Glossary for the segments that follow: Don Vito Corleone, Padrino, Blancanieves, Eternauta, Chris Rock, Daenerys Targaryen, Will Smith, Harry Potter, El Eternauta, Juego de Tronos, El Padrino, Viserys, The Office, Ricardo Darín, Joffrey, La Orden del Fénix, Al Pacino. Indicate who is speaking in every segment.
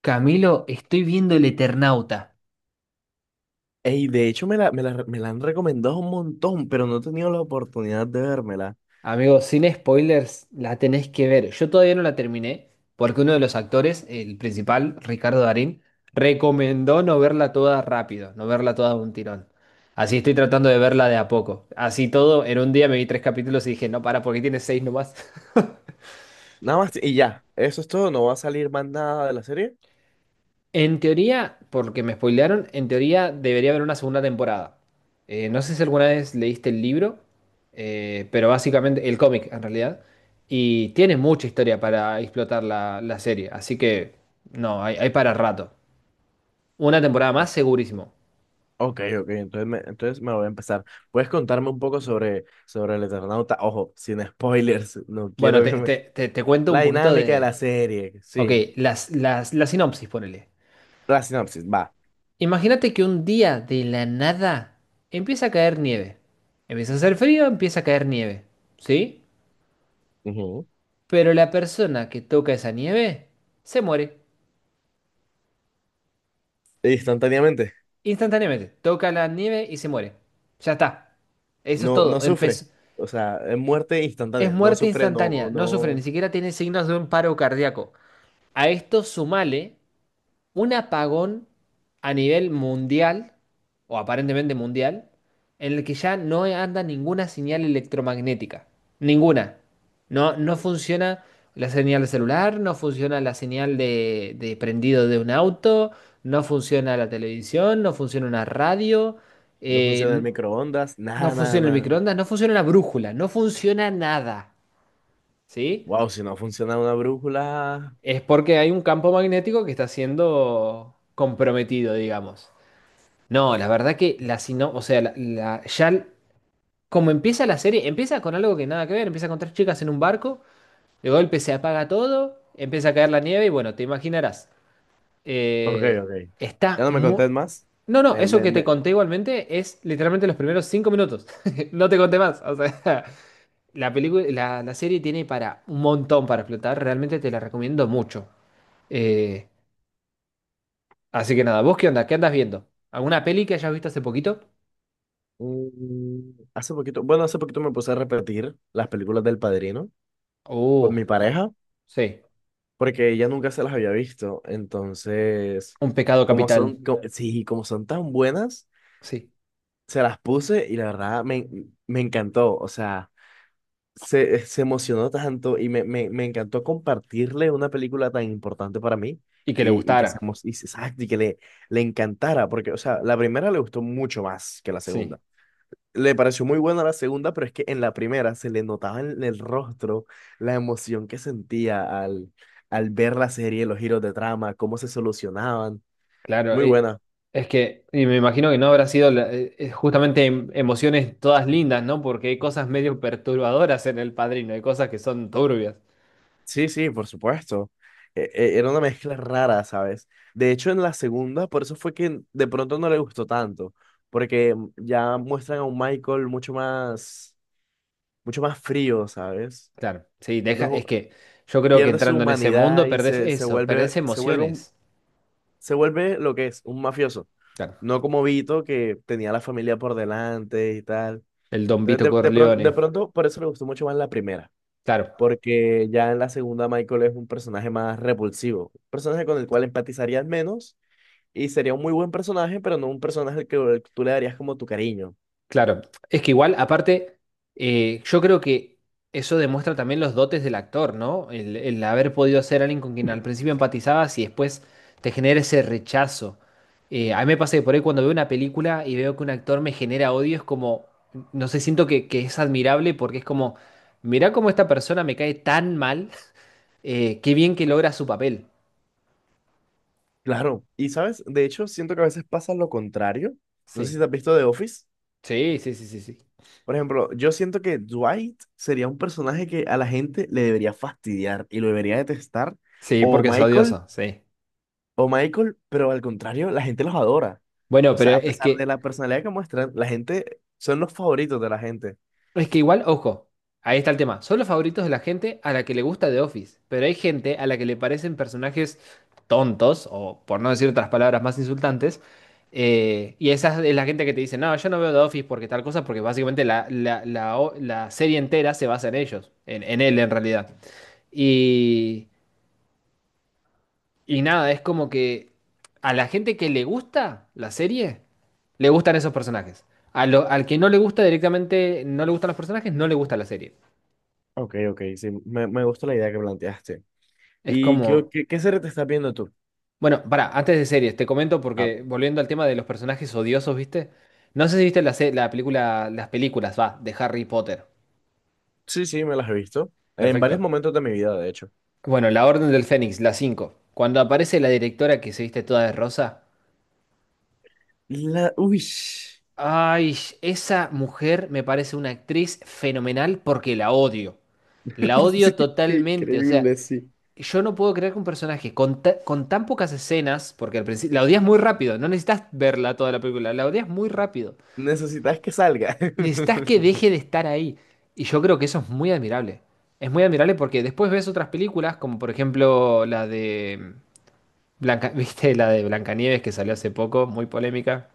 Speaker 1: Camilo, estoy viendo El Eternauta.
Speaker 2: Ey, de hecho me la han recomendado un montón, pero no he tenido la oportunidad de vérmela.
Speaker 1: Amigo, sin spoilers, la tenés que ver. Yo todavía no la terminé porque uno de los actores, el principal, Ricardo Darín, recomendó no verla toda rápido, no verla toda de un tirón. Así estoy tratando de verla de a poco. Así todo, en un día me vi tres capítulos y dije, no, para, porque tiene seis nomás.
Speaker 2: Nada más y ya, eso es todo, no va a salir más nada de la serie.
Speaker 1: En teoría, porque me spoilearon, en teoría debería haber una segunda temporada. No sé si alguna vez leíste el libro, pero básicamente el cómic en realidad. Y tiene mucha historia para explotar la serie, así que no, hay para rato. Una temporada
Speaker 2: O-
Speaker 1: más, segurísimo.
Speaker 2: Ok, ok, entonces me voy a empezar. ¿Puedes contarme un poco sobre el Eternauta? Ojo, sin spoilers, no
Speaker 1: Bueno,
Speaker 2: quiero que
Speaker 1: te,
Speaker 2: me...
Speaker 1: te- te- te cuento
Speaker 2: La
Speaker 1: un poquito
Speaker 2: dinámica de la
Speaker 1: de...
Speaker 2: serie,
Speaker 1: Ok,
Speaker 2: sí,
Speaker 1: la sinopsis, ponele.
Speaker 2: la sinopsis, va.
Speaker 1: Imagínate que un día de la nada empieza a caer nieve. Empieza a hacer frío, empieza a caer nieve. ¿Sí?
Speaker 2: Ujú.
Speaker 1: Pero la persona que toca esa nieve se muere.
Speaker 2: Instantáneamente,
Speaker 1: Instantáneamente. Toca la nieve y se muere. Ya está. Eso es
Speaker 2: no, no
Speaker 1: todo.
Speaker 2: sufre, o sea, es muerte
Speaker 1: Es
Speaker 2: instantánea, no
Speaker 1: muerte
Speaker 2: sufre,
Speaker 1: instantánea.
Speaker 2: no,
Speaker 1: No sufre, ni
Speaker 2: no,
Speaker 1: siquiera tiene signos de un paro cardíaco. A esto sumale: un apagón a nivel mundial, o aparentemente mundial, en el que ya no anda ninguna señal electromagnética. Ninguna. No, no funciona la señal celular, no funciona la señal de prendido de un auto, no funciona la televisión, no funciona una radio,
Speaker 2: no
Speaker 1: eh,
Speaker 2: funciona el
Speaker 1: n-
Speaker 2: microondas,
Speaker 1: no
Speaker 2: nada, nada,
Speaker 1: funciona el
Speaker 2: nada.
Speaker 1: microondas, no funciona la brújula, no funciona nada. ¿Sí?
Speaker 2: Wow, si no funciona una brújula.
Speaker 1: Es porque hay un campo magnético que está siendo comprometido, digamos. No, la verdad que o sea, como empieza la serie, empieza con algo que nada que ver, empieza con tres chicas en un barco, de golpe se apaga todo, empieza a caer la nieve y bueno, te imaginarás.
Speaker 2: Ok,
Speaker 1: Eh,
Speaker 2: ok. Ya
Speaker 1: está
Speaker 2: no me
Speaker 1: muy...
Speaker 2: contés más.
Speaker 1: No, no,
Speaker 2: Me,
Speaker 1: eso
Speaker 2: me,
Speaker 1: que te
Speaker 2: me...
Speaker 1: conté igualmente es literalmente los primeros 5 minutos. No te conté más. O sea, la serie tiene para un montón para explotar, realmente te la recomiendo mucho. Eh, así que nada, ¿vos qué onda? ¿Qué andas viendo? ¿Alguna peli que hayas visto hace poquito?
Speaker 2: Hace poquito, bueno, hace poquito me puse a repetir las películas del Padrino con
Speaker 1: Oh,
Speaker 2: mi
Speaker 1: bueno,
Speaker 2: pareja,
Speaker 1: sí,
Speaker 2: porque ella nunca se las había visto. Entonces,
Speaker 1: un pecado capital,
Speaker 2: sí, como son tan buenas,
Speaker 1: sí.
Speaker 2: se las puse y la verdad me encantó. O sea, se emocionó tanto y me encantó compartirle una película tan importante para mí
Speaker 1: Y que le
Speaker 2: y que se
Speaker 1: gustara,
Speaker 2: emo- y, se- exacto, le encantara, porque, o sea, la primera le gustó mucho más que la
Speaker 1: sí,
Speaker 2: segunda. Le pareció muy buena la segunda, pero es que en la primera se le notaba en el rostro la emoción que sentía al ver la serie, los giros de trama, cómo se solucionaban.
Speaker 1: claro.
Speaker 2: Muy
Speaker 1: eh,
Speaker 2: buena.
Speaker 1: es que, y me imagino que no habrá sido justamente emociones todas lindas, ¿no? Porque hay cosas medio perturbadoras en El Padrino, hay cosas que son turbias.
Speaker 2: Sí, sí, por supuesto. Era una mezcla rara, ¿sabes? De hecho, en la segunda, por eso fue que de pronto no le gustó tanto, porque ya muestran a un Michael mucho más frío, ¿sabes?
Speaker 1: Claro, sí, deja,
Speaker 2: No,
Speaker 1: es que yo creo que
Speaker 2: pierde su
Speaker 1: entrando en ese
Speaker 2: humanidad
Speaker 1: mundo
Speaker 2: y
Speaker 1: perdés
Speaker 2: se
Speaker 1: eso,
Speaker 2: vuelve,
Speaker 1: perdés emociones.
Speaker 2: se vuelve lo que es, un mafioso.
Speaker 1: Claro.
Speaker 2: No como Vito, que tenía la familia por delante y tal.
Speaker 1: El Don
Speaker 2: Entonces,
Speaker 1: Vito
Speaker 2: de
Speaker 1: Corleone,
Speaker 2: pronto, por eso le gustó mucho más la primera.
Speaker 1: claro.
Speaker 2: Porque ya en la segunda Michael es un personaje más repulsivo, un personaje con el cual empatizarías menos y sería un muy buen personaje, pero no un personaje al que tú le darías como tu cariño.
Speaker 1: Claro, es que igual, aparte, yo creo que eso demuestra también los dotes del actor, ¿no? El haber podido ser alguien con quien al principio empatizabas y después te genera ese rechazo. A mí me pasa que por ahí cuando veo una película y veo que un actor me genera odio, es como, no sé, siento que es admirable porque es como, mirá cómo esta persona me cae tan mal, qué bien que logra su papel.
Speaker 2: Claro, y sabes, de hecho siento que a veces pasa lo contrario. No sé si
Speaker 1: Sí,
Speaker 2: te has visto The Office.
Speaker 1: sí, sí, sí, sí, sí.
Speaker 2: Por ejemplo, yo siento que Dwight sería un personaje que a la gente le debería fastidiar y lo debería detestar.
Speaker 1: Sí,
Speaker 2: O
Speaker 1: porque es
Speaker 2: Michael,
Speaker 1: odioso, sí.
Speaker 2: o Michael, pero al contrario, la gente los adora.
Speaker 1: Bueno,
Speaker 2: O
Speaker 1: pero
Speaker 2: sea, a
Speaker 1: es
Speaker 2: pesar de
Speaker 1: que.
Speaker 2: la personalidad que muestran, la gente son los favoritos de la gente.
Speaker 1: Es que igual, ojo, ahí está el tema. Son los favoritos de la gente a la que le gusta The Office, pero hay gente a la que le parecen personajes tontos, o por no decir otras palabras más insultantes, y esa es la gente que te dice, no, yo no veo The Office porque tal cosa, porque básicamente la serie entera se basa en ellos, en él en realidad. Y, y nada, es como que a la gente que le gusta la serie, le gustan esos personajes. Al que no le gusta directamente, no le gustan los personajes, no le gusta la serie.
Speaker 2: Ok, ok, sí, me gusta la idea que planteaste.
Speaker 1: Es
Speaker 2: ¿Y
Speaker 1: como.
Speaker 2: qué serie te estás viendo tú?
Speaker 1: Bueno, para, antes de series, te comento
Speaker 2: Ah,
Speaker 1: porque volviendo al tema de los personajes odiosos, ¿viste? No sé si viste la, se- la película, las películas, va, de Harry Potter.
Speaker 2: sí, sí, me las he visto. En
Speaker 1: Perfecto.
Speaker 2: varios momentos de mi vida, de hecho.
Speaker 1: Bueno, La Orden del Fénix, la cinco. Cuando aparece la directora que se viste toda de rosa.
Speaker 2: La... Uy, sí,
Speaker 1: Ay, esa mujer me parece una actriz fenomenal porque la odio. La odio
Speaker 2: qué
Speaker 1: totalmente. O sea,
Speaker 2: increíble, sí.
Speaker 1: yo no puedo creer que un personaje con tan pocas escenas, porque al principio la odias muy rápido, no necesitas verla toda la película, la odias muy rápido.
Speaker 2: Necesitas que salga.
Speaker 1: Necesitas que deje de estar ahí. Y yo creo que eso es muy admirable. Es muy admirable porque después ves otras películas, como por ejemplo la de Blanca, ¿viste? La de Blancanieves que salió hace poco, muy polémica.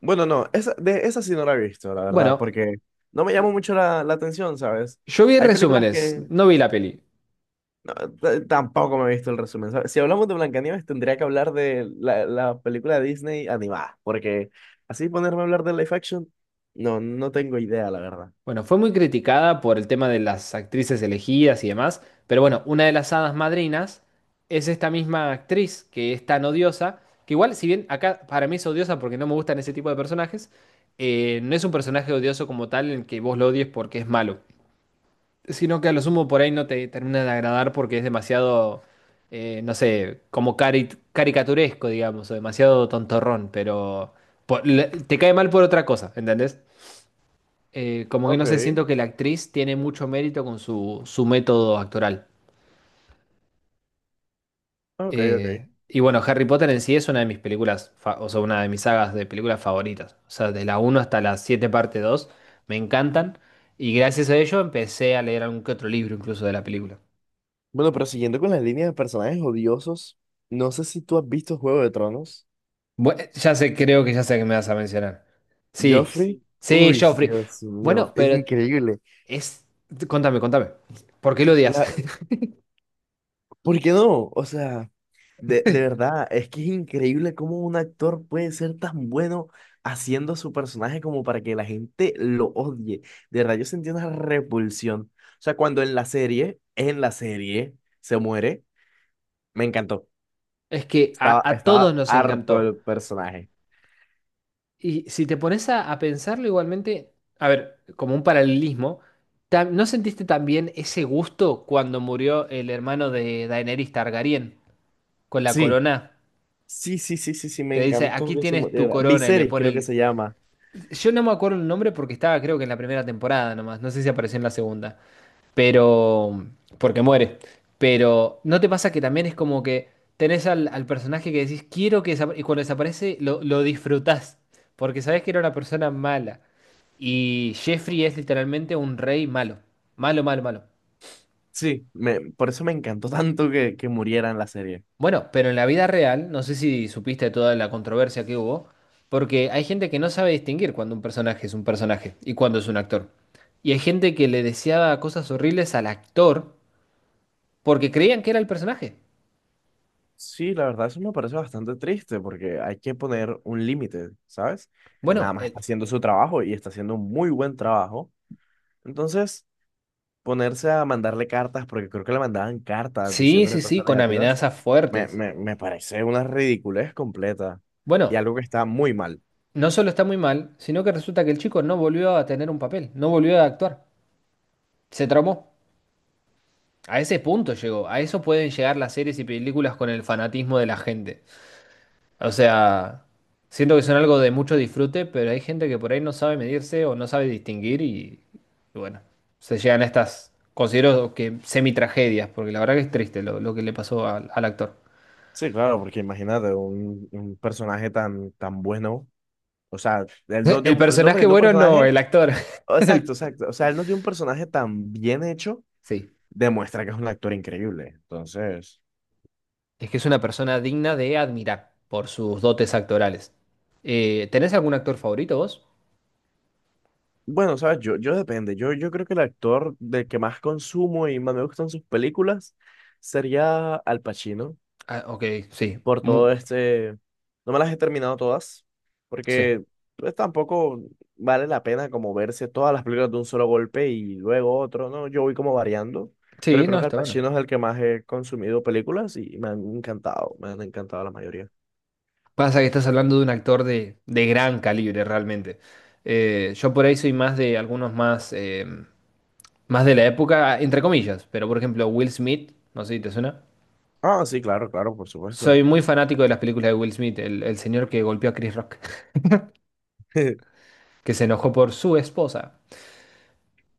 Speaker 2: Bueno, no, esa, de esa sí no la he visto, la verdad,
Speaker 1: Bueno,
Speaker 2: porque no me llamó mucho la atención, ¿sabes?
Speaker 1: yo vi
Speaker 2: Hay películas
Speaker 1: resúmenes,
Speaker 2: que...
Speaker 1: no vi la peli.
Speaker 2: No, tampoco me he visto el resumen. ¿Sabes? Si hablamos de Blancanieves, tendría que hablar de la película de Disney animada, porque así ponerme a hablar de live action, no, no tengo idea, la verdad.
Speaker 1: Bueno, fue muy criticada por el tema de las actrices elegidas y demás, pero bueno, una de las hadas madrinas es esta misma actriz que es tan odiosa, que igual, si bien acá para mí es odiosa porque no me gustan ese tipo de personajes, no es un personaje odioso como tal en que vos lo odies porque es malo, sino que a lo sumo por ahí no te termina de agradar porque es demasiado, no sé, como caricaturesco, digamos, o demasiado tontorrón, pero te cae mal por otra cosa, ¿entendés? Como que
Speaker 2: Ok,
Speaker 1: no sé, siento que la actriz tiene mucho mérito con su método actoral.
Speaker 2: ok, ok.
Speaker 1: Y bueno, Harry Potter en sí es una de mis películas, o sea, una de mis sagas de películas favoritas. O sea, de la uno hasta la 7 parte 2 me encantan. Y gracias a ello empecé a leer algún que otro libro incluso de la película.
Speaker 2: Bueno, pero siguiendo con las líneas de personajes odiosos, no sé si tú has visto Juego de Tronos.
Speaker 1: Bueno, ya sé, creo que ya sé que me vas a mencionar. Sí, s-
Speaker 2: Joffrey,
Speaker 1: sí,
Speaker 2: uy,
Speaker 1: Joffrey.
Speaker 2: Dios mío,
Speaker 1: Bueno.
Speaker 2: es increíble.
Speaker 1: Es... Contame, contame. ¿Por qué lo odias?
Speaker 2: La- ¿Por qué no? O sea, de verdad, es que es increíble cómo un actor puede ser tan bueno haciendo su personaje como para que la gente lo odie. De verdad, yo sentí una repulsión. O sea, cuando en la serie, se muere, me encantó.
Speaker 1: Es que
Speaker 2: Estaba,
Speaker 1: a todos
Speaker 2: estaba
Speaker 1: nos
Speaker 2: harto
Speaker 1: encantó.
Speaker 2: el personaje.
Speaker 1: Y si te pones a pensarlo igualmente, a ver, como un paralelismo, ¿no sentiste también ese gusto cuando murió el hermano de Daenerys Targaryen con la
Speaker 2: Sí,
Speaker 1: corona?
Speaker 2: sí, sí, sí, sí, sí, me
Speaker 1: Que dice,
Speaker 2: encantó
Speaker 1: aquí
Speaker 2: que se
Speaker 1: tienes tu
Speaker 2: muriera.
Speaker 1: corona y le
Speaker 2: Viserys
Speaker 1: pone.
Speaker 2: creo que se llama.
Speaker 1: Yo no me acuerdo el nombre porque estaba creo que en la primera temporada nomás, no sé si apareció en la segunda. Pero, porque muere. Pero, ¿no te pasa que también es como que tenés al personaje que decís, "quiero que desapa-", y cuando desaparece lo disfrutás, porque sabés que era una persona mala. Y Jeffrey es literalmente un rey malo, malo, malo, malo.
Speaker 2: Sí, me, por eso me encantó tanto que muriera en la serie.
Speaker 1: Bueno, pero en la vida real, no sé si supiste de toda la controversia que hubo, porque hay gente que no sabe distinguir cuando un personaje es un personaje y cuando es un actor. Y hay gente que le deseaba cosas horribles al actor porque creían que era el personaje.
Speaker 2: Sí, la verdad eso me parece bastante triste porque hay que poner un límite, ¿sabes? Él nada
Speaker 1: Bueno.
Speaker 2: más está haciendo su trabajo y está haciendo un muy buen trabajo. Entonces, ponerse a mandarle cartas, porque creo que le mandaban cartas
Speaker 1: Sí,
Speaker 2: diciéndole
Speaker 1: sí, sí,
Speaker 2: cosas
Speaker 1: con
Speaker 2: negativas,
Speaker 1: amenazas
Speaker 2: me,
Speaker 1: fuertes.
Speaker 2: me, me parece una ridiculez completa y
Speaker 1: Bueno,
Speaker 2: algo que está muy mal.
Speaker 1: no solo está muy mal, sino que resulta que el chico no volvió a tener un papel, no volvió a actuar. Se traumó. A ese punto llegó. A eso pueden llegar las series y películas con el fanatismo de la gente. O sea, siento que son algo de mucho disfrute, pero hay gente que por ahí no sabe medirse o no sabe distinguir y bueno, se llegan a estas, considero que semi-tragedias, porque la verdad que es triste lo que le pasó al actor.
Speaker 2: Sí, claro, porque imagínate un personaje tan bueno, o sea, él no dio
Speaker 1: El
Speaker 2: un, el
Speaker 1: personaje
Speaker 2: nombre de un
Speaker 1: bueno, no,
Speaker 2: personaje,
Speaker 1: el actor.
Speaker 2: exacto,
Speaker 1: El-
Speaker 2: exacto, o sea, él no dio un personaje tan bien hecho,
Speaker 1: Sí.
Speaker 2: demuestra que es un actor increíble. Entonces,
Speaker 1: Es que es una persona digna de admirar por sus dotes actorales. ¿Tenés algún actor favorito vos?
Speaker 2: bueno, sabes, yo depende. Yo creo que el actor del que más consumo y más me gustan sus películas sería Al Pacino,
Speaker 1: Ah, ok, sí.
Speaker 2: por todo este... No me las he terminado todas,
Speaker 1: Sí.
Speaker 2: porque pues, tampoco vale la pena como verse todas las películas de un solo golpe y luego otro, ¿no? Yo voy como variando, pero
Speaker 1: Sí,
Speaker 2: creo
Speaker 1: no,
Speaker 2: que Al
Speaker 1: está bueno.
Speaker 2: Pacino es el que más he consumido películas y me han encantado la mayoría.
Speaker 1: Pasa que estás hablando de un actor de gran calibre, realmente. Yo por ahí soy más de algunos más, más de la época, entre comillas. Pero por ejemplo, Will Smith, no sé si te suena.
Speaker 2: Ah, sí, claro, claro, por supuesto.
Speaker 1: Soy muy fanático de las películas de Will Smith, el señor que golpeó a Chris Rock, que se enojó por su esposa.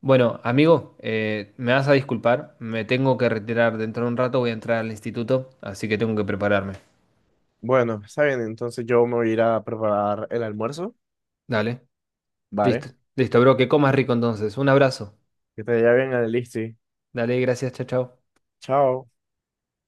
Speaker 1: Bueno, amigo, me vas a disculpar, me tengo que retirar dentro de un rato, voy a entrar al instituto, así que tengo que prepararme.
Speaker 2: Bueno, está bien, entonces yo me voy a ir a preparar el almuerzo.
Speaker 1: Dale, listo,
Speaker 2: Vale,
Speaker 1: listo, bro, que comas rico entonces. Un abrazo.
Speaker 2: que te vaya bien, Alexi.
Speaker 1: Dale, gracias, chao, chao.
Speaker 2: Chao.